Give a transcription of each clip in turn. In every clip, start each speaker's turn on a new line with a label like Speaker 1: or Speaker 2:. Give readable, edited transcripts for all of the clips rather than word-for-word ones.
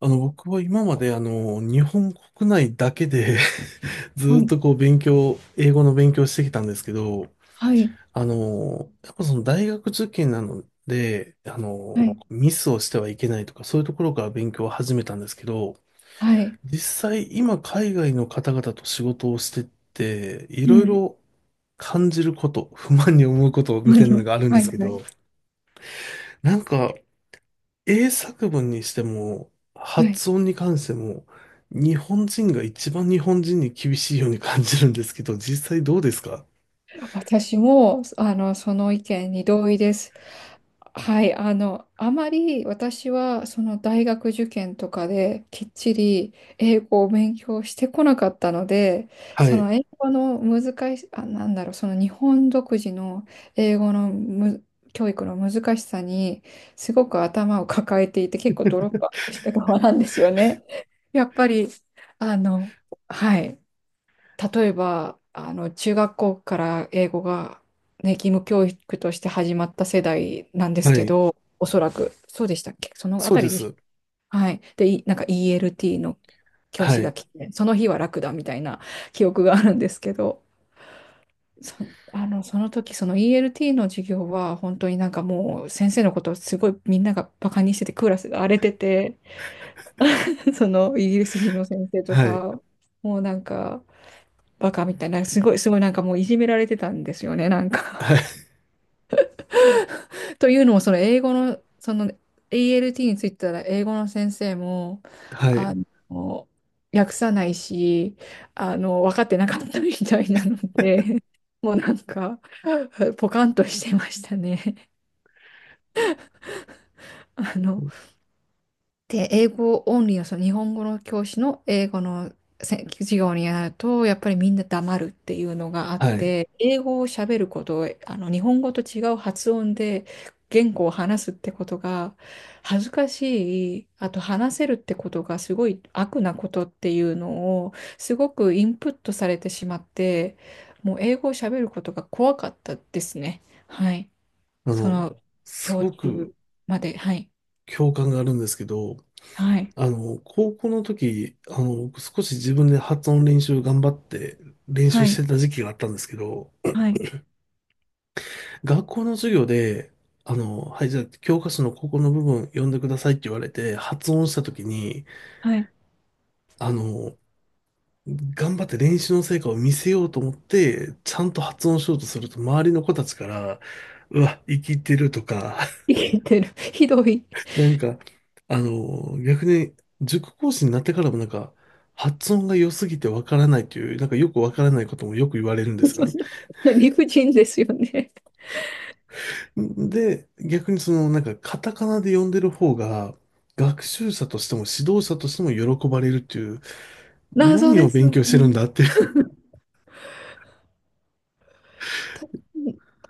Speaker 1: 僕は今まで日本国内だけで ず
Speaker 2: は
Speaker 1: ーっ
Speaker 2: い、
Speaker 1: とこう英語の勉強してきたんですけど、
Speaker 2: はい、
Speaker 1: やっぱその大学受験なので、
Speaker 2: はい、
Speaker 1: ミスをしてはいけないとか、そういうところから勉強を始めたんですけど、
Speaker 2: はい、
Speaker 1: 実際今海外の方々と仕事をしてって、い
Speaker 2: う
Speaker 1: ろい
Speaker 2: ん、
Speaker 1: ろ感じること、不満に思うことみたい
Speaker 2: 何
Speaker 1: な
Speaker 2: を
Speaker 1: のがあるん
Speaker 2: は
Speaker 1: で
Speaker 2: い、
Speaker 1: すけ
Speaker 2: はい、
Speaker 1: ど、なんか英作文にしても、
Speaker 2: はい。
Speaker 1: 発音に関しても、日本人が一番日本人に厳しいように感じるんですけど、実際どうですか？
Speaker 2: 私も、その意見に同意です。はい、あまり私は、その大学受験とかできっちり英語を勉強してこなかったので、
Speaker 1: は
Speaker 2: そ
Speaker 1: い。
Speaker 2: の英語の難し、その日本独自の英語のむ、教育の難しさに、すごく頭を抱えていて、結構ドロップアウトした側なんですよね。やっぱり、あの、はい。例えば、中学校から英語が、ね、義務教育として始まった世代なんです
Speaker 1: は
Speaker 2: け
Speaker 1: い。
Speaker 2: ど、おそらく、そうでしたっけそのあ
Speaker 1: そう
Speaker 2: た
Speaker 1: で
Speaker 2: りでし
Speaker 1: す。
Speaker 2: た。はい。で、いなんか ELT の教
Speaker 1: は
Speaker 2: 師が
Speaker 1: い。
Speaker 2: 来て、その日は楽だみたいな記憶があるんですけど、そ、その時、その ELT の授業は、本当にもう、先生のことをすごいみんながバカにしてて、クラスが荒れてて、そのイギリス人の先生と
Speaker 1: はい。
Speaker 2: か、もうバカみたいな、すごい、すごいもういじめられてたんですよね、
Speaker 1: はい。
Speaker 2: というのも、その英語の、その ALT についてたら、英語の先生も、
Speaker 1: は
Speaker 2: あ
Speaker 1: い。
Speaker 2: の、訳さないし、分かってなかったみたいなので、もうポカンとしてましたね。あの、で、英語オンリーの、その日本語の教師の英語の授業になると、やっぱりみんな黙るっていうのがあっ
Speaker 1: はい。
Speaker 2: て、英語を喋ること、日本語と違う発音で言語を話すってことが恥ずかしい、あと話せるってことがすごい悪なことっていうのを、すごくインプットされてしまって、もう英語を喋ることが怖かったですね。はい。
Speaker 1: あ
Speaker 2: そ
Speaker 1: の、
Speaker 2: の、
Speaker 1: す
Speaker 2: 小
Speaker 1: ごく
Speaker 2: 中まで。はい。
Speaker 1: 共感があるんですけど、
Speaker 2: はい。
Speaker 1: 高校の時、少し自分で発音練習頑張って練
Speaker 2: は
Speaker 1: 習し
Speaker 2: い。
Speaker 1: てた時期があったんですけど、
Speaker 2: はい。
Speaker 1: 学校の授業で、はい、じゃあ、教科書のここの部分読んでくださいって言われて、発音したときに、
Speaker 2: はい。
Speaker 1: あの、頑張って練習の成果を見せようと思って、ちゃんと発音しようとすると、周りの子たちから、うわ、生きてるとか、
Speaker 2: 生きてる。ひどい。
Speaker 1: なんか、逆に、塾講師になってからもなんか、発音が良すぎてわからないという、なんかよくわからないこともよく言われるんです
Speaker 2: そ
Speaker 1: よ
Speaker 2: ん
Speaker 1: ね。
Speaker 2: な理不尽ですよね。
Speaker 1: で、逆にその、なんか、カタカナで読んでる方が、学習者としても指導者としても喜ばれるっていう、
Speaker 2: 謎
Speaker 1: 何
Speaker 2: で
Speaker 1: を
Speaker 2: す
Speaker 1: 勉強してるん
Speaker 2: ね。
Speaker 1: だっていう。
Speaker 2: た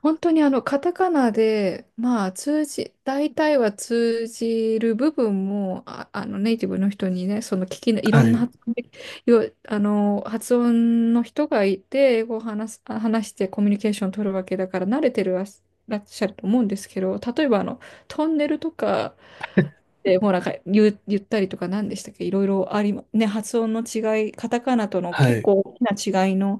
Speaker 2: 本当にカタカナで、まあ、大体は通じる部分も、ネイティブの人にね、その聞きの、いろ
Speaker 1: は
Speaker 2: んな
Speaker 1: い。
Speaker 2: 発音で、よ、あの、発音の人がいて、英語を話す、あ話してコミュニケーションを取るわけだから、慣れてるらっしゃると思うんですけど、例えばトンネルとか、で、もう言ったりとか何でしたっけ、いろいろありま、ね、発音の違い、カタカナとの
Speaker 1: は
Speaker 2: 結
Speaker 1: い。
Speaker 2: 構大きな違いの、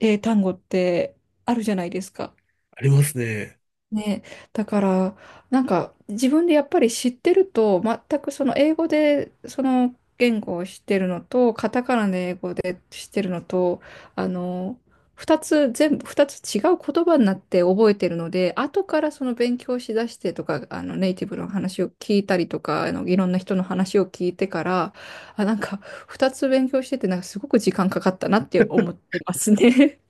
Speaker 2: 単語ってあるじゃないですか。
Speaker 1: ありますね。
Speaker 2: ね、だから自分でやっぱり知ってると全くその英語でその言語を知ってるのとカタカナで英語で知ってるのとあの2つ全部2つ違う言葉になって覚えてるので、後からその勉強しだしてとかネイティブの話を聞いたりとかいろんな人の話を聞いてから、あなんか2つ勉強しててすごく時間かかったなって思ってますね。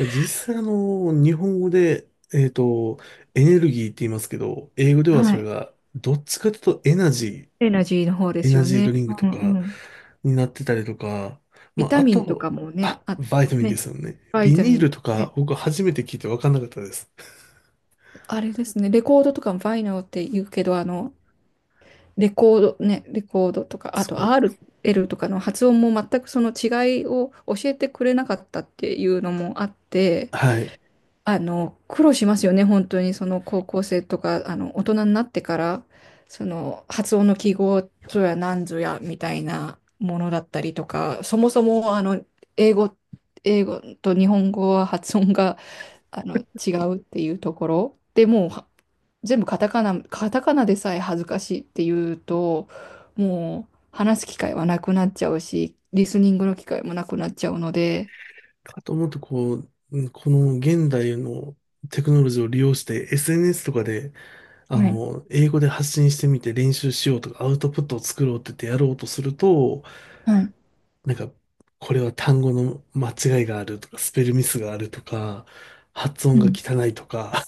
Speaker 1: 実際、日本語で、エネルギーって言いますけど、英語で はそ
Speaker 2: は
Speaker 1: れ
Speaker 2: い。
Speaker 1: が、どっちかというとエナジ
Speaker 2: エナジーの方で
Speaker 1: ー、エ
Speaker 2: す
Speaker 1: ナ
Speaker 2: よ
Speaker 1: ジー
Speaker 2: ね。
Speaker 1: ドリンク
Speaker 2: う
Speaker 1: と
Speaker 2: ん
Speaker 1: か
Speaker 2: うん、
Speaker 1: になってたりとか、
Speaker 2: ビ
Speaker 1: まあ、
Speaker 2: タ
Speaker 1: あ
Speaker 2: ミンとか
Speaker 1: と、
Speaker 2: もね、
Speaker 1: あ、
Speaker 2: あ、
Speaker 1: バイタミンで
Speaker 2: ね、
Speaker 1: すよね。
Speaker 2: バイ
Speaker 1: ビ
Speaker 2: タ
Speaker 1: ニ
Speaker 2: ミ
Speaker 1: ー
Speaker 2: ン、
Speaker 1: ルとか、
Speaker 2: ね、
Speaker 1: 僕初めて聞いて分かんなかったです。
Speaker 2: あれですね、レコードとかもファイナルって言うけど、レコード、ね、レコードとか、あと
Speaker 1: そ
Speaker 2: RL とかの発音も全くその違いを教えてくれなかったっていうのもあって、
Speaker 1: う。はい。
Speaker 2: 苦労しますよね、本当に、その高校生とか、大人になってから、その発音の記号ぞやなんぞやみたいなものだったりとか、そもそも、英語、英語と日本語は発音が、あの、違うっていうところ。でもう、全部カタカナ、カタカナでさえ恥ずかしいっていうと、もう、話す機会はなくなっちゃうし、リスニングの機会もなくなっちゃうので、
Speaker 1: かと思うと、こう、うんこの現代のテクノロジーを利用して SNS とかで、
Speaker 2: はい、
Speaker 1: 英語で発信してみて練習しようとか、アウトプットを作ろうって言ってやろうとすると、
Speaker 2: はい。
Speaker 1: なんか、これは単語の間違いがあるとか、スペルミスがあるとか、発音
Speaker 2: う
Speaker 1: が
Speaker 2: ん。
Speaker 1: 汚いとか、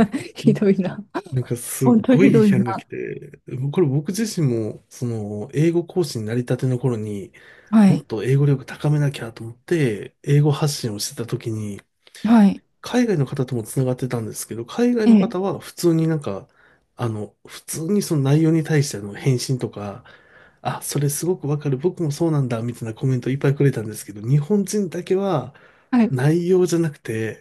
Speaker 1: う
Speaker 2: ひ
Speaker 1: ん
Speaker 2: どいな。
Speaker 1: なんかすっ
Speaker 2: 本当と
Speaker 1: ごい
Speaker 2: ひ
Speaker 1: 批
Speaker 2: どい
Speaker 1: 判が
Speaker 2: な。
Speaker 1: 来て、これ僕自身も、その、英語講師になりたての頃に、
Speaker 2: は
Speaker 1: もっ
Speaker 2: い。
Speaker 1: と英語力高めなきゃと思って、英語発信をしてた時に、
Speaker 2: はい。
Speaker 1: 海外の方ともつながってたんですけど、海外
Speaker 2: え
Speaker 1: の
Speaker 2: え。
Speaker 1: 方は普通になんか、普通にその内容に対しての返信とか、あ、それすごくわかる、僕もそうなんだ、みたいなコメントいっぱいくれたんですけど、日本人だけは
Speaker 2: はい。
Speaker 1: 内容じゃなくて、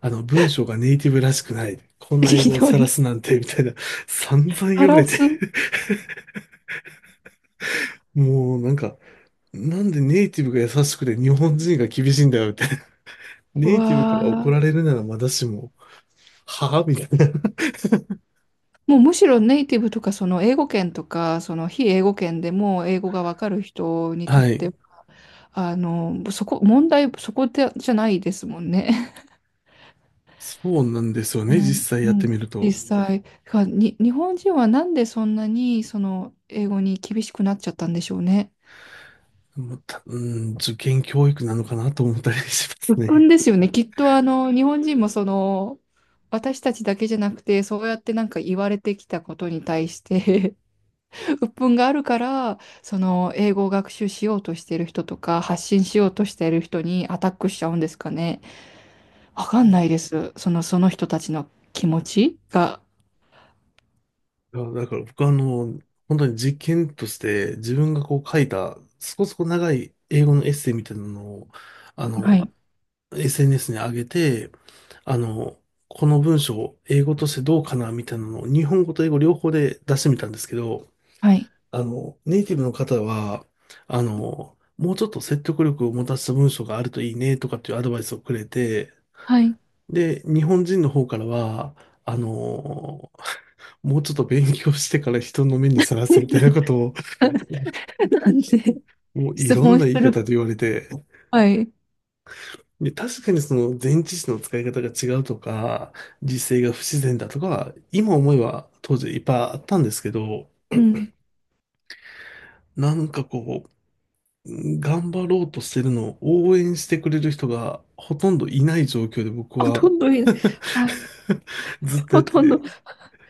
Speaker 1: 文章がネイティブらしくない、こん な英
Speaker 2: ひ
Speaker 1: 語を
Speaker 2: ど
Speaker 1: 晒
Speaker 2: い。
Speaker 1: すなんて、みたいな、散々
Speaker 2: タ
Speaker 1: 言われ
Speaker 2: ラ
Speaker 1: て、
Speaker 2: ス
Speaker 1: もうなんか、なんでネイティブが優しくて日本人が厳しいんだよって、ネイティブから怒
Speaker 2: は、
Speaker 1: られるならまだしも、はぁみたいな。
Speaker 2: もうむしろネイティブとか、その英語圏とか、その非英語圏でも英語がわかる人にとっ
Speaker 1: は
Speaker 2: て
Speaker 1: い。
Speaker 2: は、そこでじゃないですもんね。
Speaker 1: そうなんですよ
Speaker 2: あ
Speaker 1: ね。
Speaker 2: の、
Speaker 1: 実際
Speaker 2: う
Speaker 1: やって
Speaker 2: ん。
Speaker 1: みる
Speaker 2: 実
Speaker 1: と。
Speaker 2: 際、日本人はなんでそんなにその英語に厳しくなっちゃったんでしょうね。
Speaker 1: また、うん、受験教育なのかなと思ったりします
Speaker 2: 鬱憤
Speaker 1: ね。
Speaker 2: ですよね。きっと日本人もその、私たちだけじゃなくて、そうやって言われてきたことに対して 鬱憤があるから、その、英語を学習しようとしてる人とか、発信しようとしてる人にアタックしちゃうんですかね。わかん
Speaker 1: い
Speaker 2: ないです。その人たちの気持ちが。
Speaker 1: やだから僕はあの、本当に実験として自分がこう書いた、そこそこ長い英語のエッセイみたいなのを、あ
Speaker 2: は
Speaker 1: の、
Speaker 2: い。
Speaker 1: SNS に上げて、あの、この文章を英語としてどうかなみたいなのを日本語と英語両方で出してみたんですけど、
Speaker 2: はい。
Speaker 1: ネイティブの方は、もうちょっと説得力を持たせた文章があるといいねとかっていうアドバイスをくれて、
Speaker 2: はい。
Speaker 1: で、日本人の方からは、あの、もうちょっと勉強してから人の目にさらせみたいなことを、
Speaker 2: なんで、
Speaker 1: もうい
Speaker 2: 質
Speaker 1: ろん
Speaker 2: 問
Speaker 1: な
Speaker 2: す
Speaker 1: 言い方
Speaker 2: る。
Speaker 1: で言われて、
Speaker 2: はい。
Speaker 1: で、確かにその前置詞の使い方が違うとか、実勢が不自然だとか、今思えば当時いっぱいあったんですけど、
Speaker 2: うん。
Speaker 1: なんかこう、頑張ろうとしてるのを応援してくれる人がほとんどいない状況で僕
Speaker 2: ほと
Speaker 1: は
Speaker 2: んどい、はい。
Speaker 1: ずっとや
Speaker 2: ほ
Speaker 1: って
Speaker 2: とんど、
Speaker 1: て、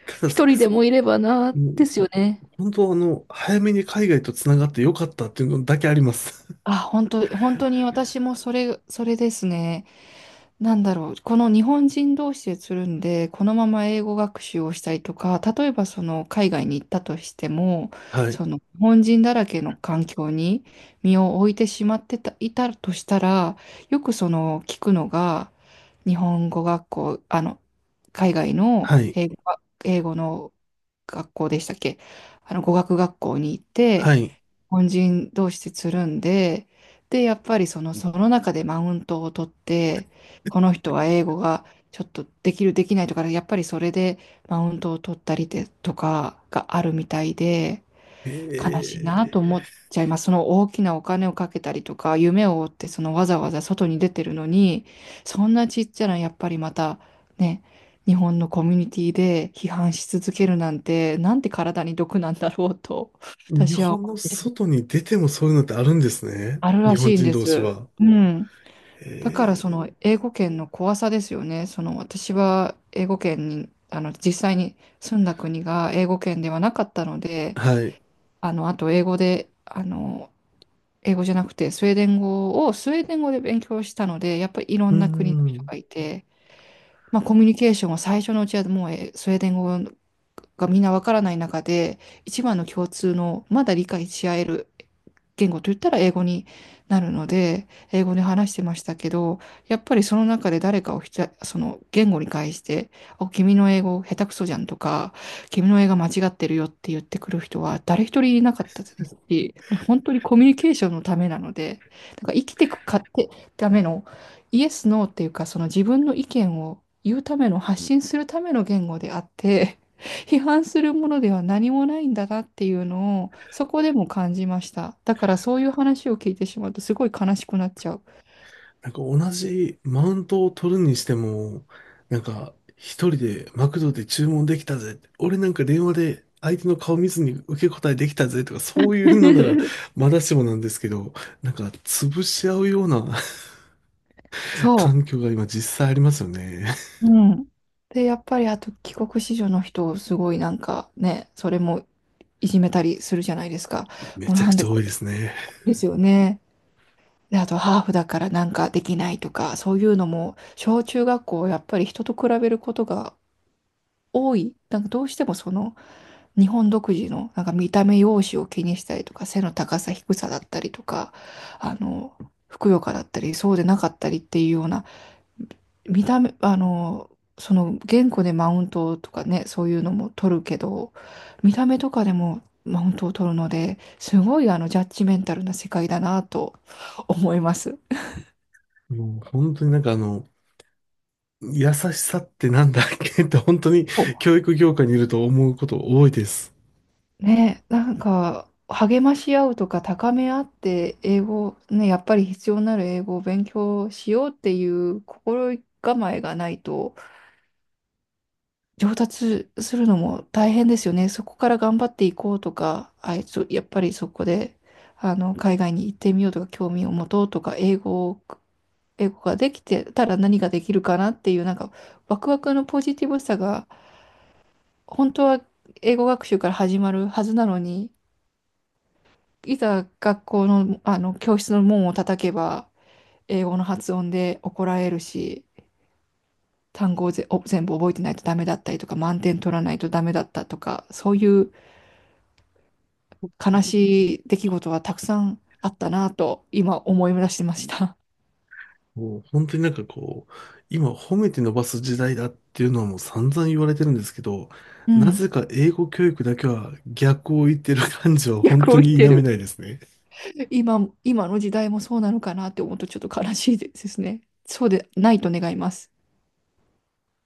Speaker 1: ただ、さ
Speaker 2: 一人で
Speaker 1: さ
Speaker 2: もいればな、
Speaker 1: も
Speaker 2: で
Speaker 1: う
Speaker 2: すよね。
Speaker 1: 本当あの、早めに海外とつながってよかったっていうのだけあります。
Speaker 2: あ、本当、本当に私もそれ、それですね。なんだろう。この日本人同士でつるんで、このまま英語学習をしたりとか、例えばその海外に行ったとしても、
Speaker 1: はい。
Speaker 2: その日本人だらけの環境に身を置いてしまってた、いたとしたら、よくその聞くのが、日本語学校、海外の
Speaker 1: はい。
Speaker 2: 英語が、英語の学校でしたっけ、語学学校に行って、日
Speaker 1: はい。
Speaker 2: 本人同士でつるんで、で、やっぱりその中でマウントを取って、この人は英語がちょっとできる、できないとか、やっぱりそれでマウントを取ったりでとかがあるみたいで、悲しいなと
Speaker 1: え
Speaker 2: 思っちゃいます。その大きなお金をかけたりとか、夢を追って、そのわざわざ外に出てるのに、そんなちっちゃな、やっぱりまた、ね、日本のコミュニティで批判し続けるなんて、なんて体に毒なんだろうと、
Speaker 1: ー、日
Speaker 2: 私は
Speaker 1: 本
Speaker 2: 思
Speaker 1: の
Speaker 2: う。
Speaker 1: 外に出てもそういうのってあるんですね。
Speaker 2: ある
Speaker 1: 日
Speaker 2: ら
Speaker 1: 本
Speaker 2: しいん
Speaker 1: 人
Speaker 2: で
Speaker 1: 同士
Speaker 2: す。
Speaker 1: は。
Speaker 2: うん。だから
Speaker 1: え
Speaker 2: その英
Speaker 1: ー、
Speaker 2: 語圏の怖さですよね。その私は英語圏に、実際に住んだ国が英語圏ではなかったので、
Speaker 1: はい。う
Speaker 2: あの、あと英語で、英語じゃなくてスウェーデン語をスウェーデン語で勉強したので、やっぱりいろ
Speaker 1: ー
Speaker 2: んな国の人
Speaker 1: ん。
Speaker 2: がいて、まあ、コミュニケーションは最初のうちはもう、スウェーデン語がみんなわからない中で、一番の共通のまだ理解し合える言語といったら英語になるので、英語で話してましたけど、やっぱりその中で誰かをひた、その言語に返して、お、君の英語下手くそじゃんとか、君の英語間違ってるよって言ってくる人は誰一人いなかったですし、もう本当にコミュニケーションのためなので、生きていくかってためのイエス、ノーっていうか、その自分の意見を言うための、発信するための言語であって、批判するものでは何もないんだなっていうのを、そこでも感じました。だからそういう話を聞いてしまうと、すごい悲しくなっちゃう。
Speaker 1: なんか同じマウントを取るにしても、なんか一人でマクドで注文できたぜって、俺なんか電話で相手の顔見ずに受け答えできたぜとかそういうのなら まだしもなんですけど、なんか潰し合うような
Speaker 2: そ
Speaker 1: 環境が今実際ありますよね。
Speaker 2: う。うん。で、やっぱりあと帰国子女の人をすごいね、それもいじめたりするじゃないですか。
Speaker 1: め
Speaker 2: もう
Speaker 1: ちゃ
Speaker 2: な
Speaker 1: く
Speaker 2: ん
Speaker 1: ち
Speaker 2: で
Speaker 1: ゃ多い
Speaker 2: こ、
Speaker 1: ですね。
Speaker 2: ですよね。で、あとハーフだからできないとか、そういうのも、小中学校、やっぱり人と比べることが多い。どうしてもその、日本独自の、見た目、容姿を気にしたりとか、背の高さ、低さだったりとか、あの、ふくよかだったり、そうでなかったりっていうような、見た目、その言語でマウントとかね、そういうのも取るけど、見た目とかでもマウントを取るので、すごいジャッジメンタルな世界だなと思います。
Speaker 1: もう本当になんか優しさってなんだっけって本当に教育業界にいると思うこと多いです。
Speaker 2: ね、励まし合うとか、高め合って、英語、ね、やっぱり必要なる英語を勉強しようっていう心構えがないと、上達するのも大変ですよね。そこから頑張っていこうとか、あいつ、やっぱりそこで、海外に行ってみようとか、興味を持とうとか、英語ができてたら何ができるかなっていう、ワクワクのポジティブさが、本当は英語学習から始まるはずなのに、いざ学校の、あの教室の門を叩けば英語の発音で怒られるし、単語を全部覚えてないとダメだったりとか、満点取らないとダメだったとか、そういう悲しい出来事はたくさんあったなと今思い出してました。
Speaker 1: もう本当になんかこう、今褒めて伸ばす時代だっていうのはもう散々言われてるんですけど、
Speaker 2: う
Speaker 1: な
Speaker 2: ん。
Speaker 1: ぜか英語教育だけは逆を言ってる感じは本
Speaker 2: 逆を
Speaker 1: 当
Speaker 2: 言
Speaker 1: に
Speaker 2: っ
Speaker 1: 否
Speaker 2: て
Speaker 1: め
Speaker 2: る。
Speaker 1: ないですね。
Speaker 2: 今、今の時代もそうなのかなって思うとちょっと悲しいですね。そうでないと願います。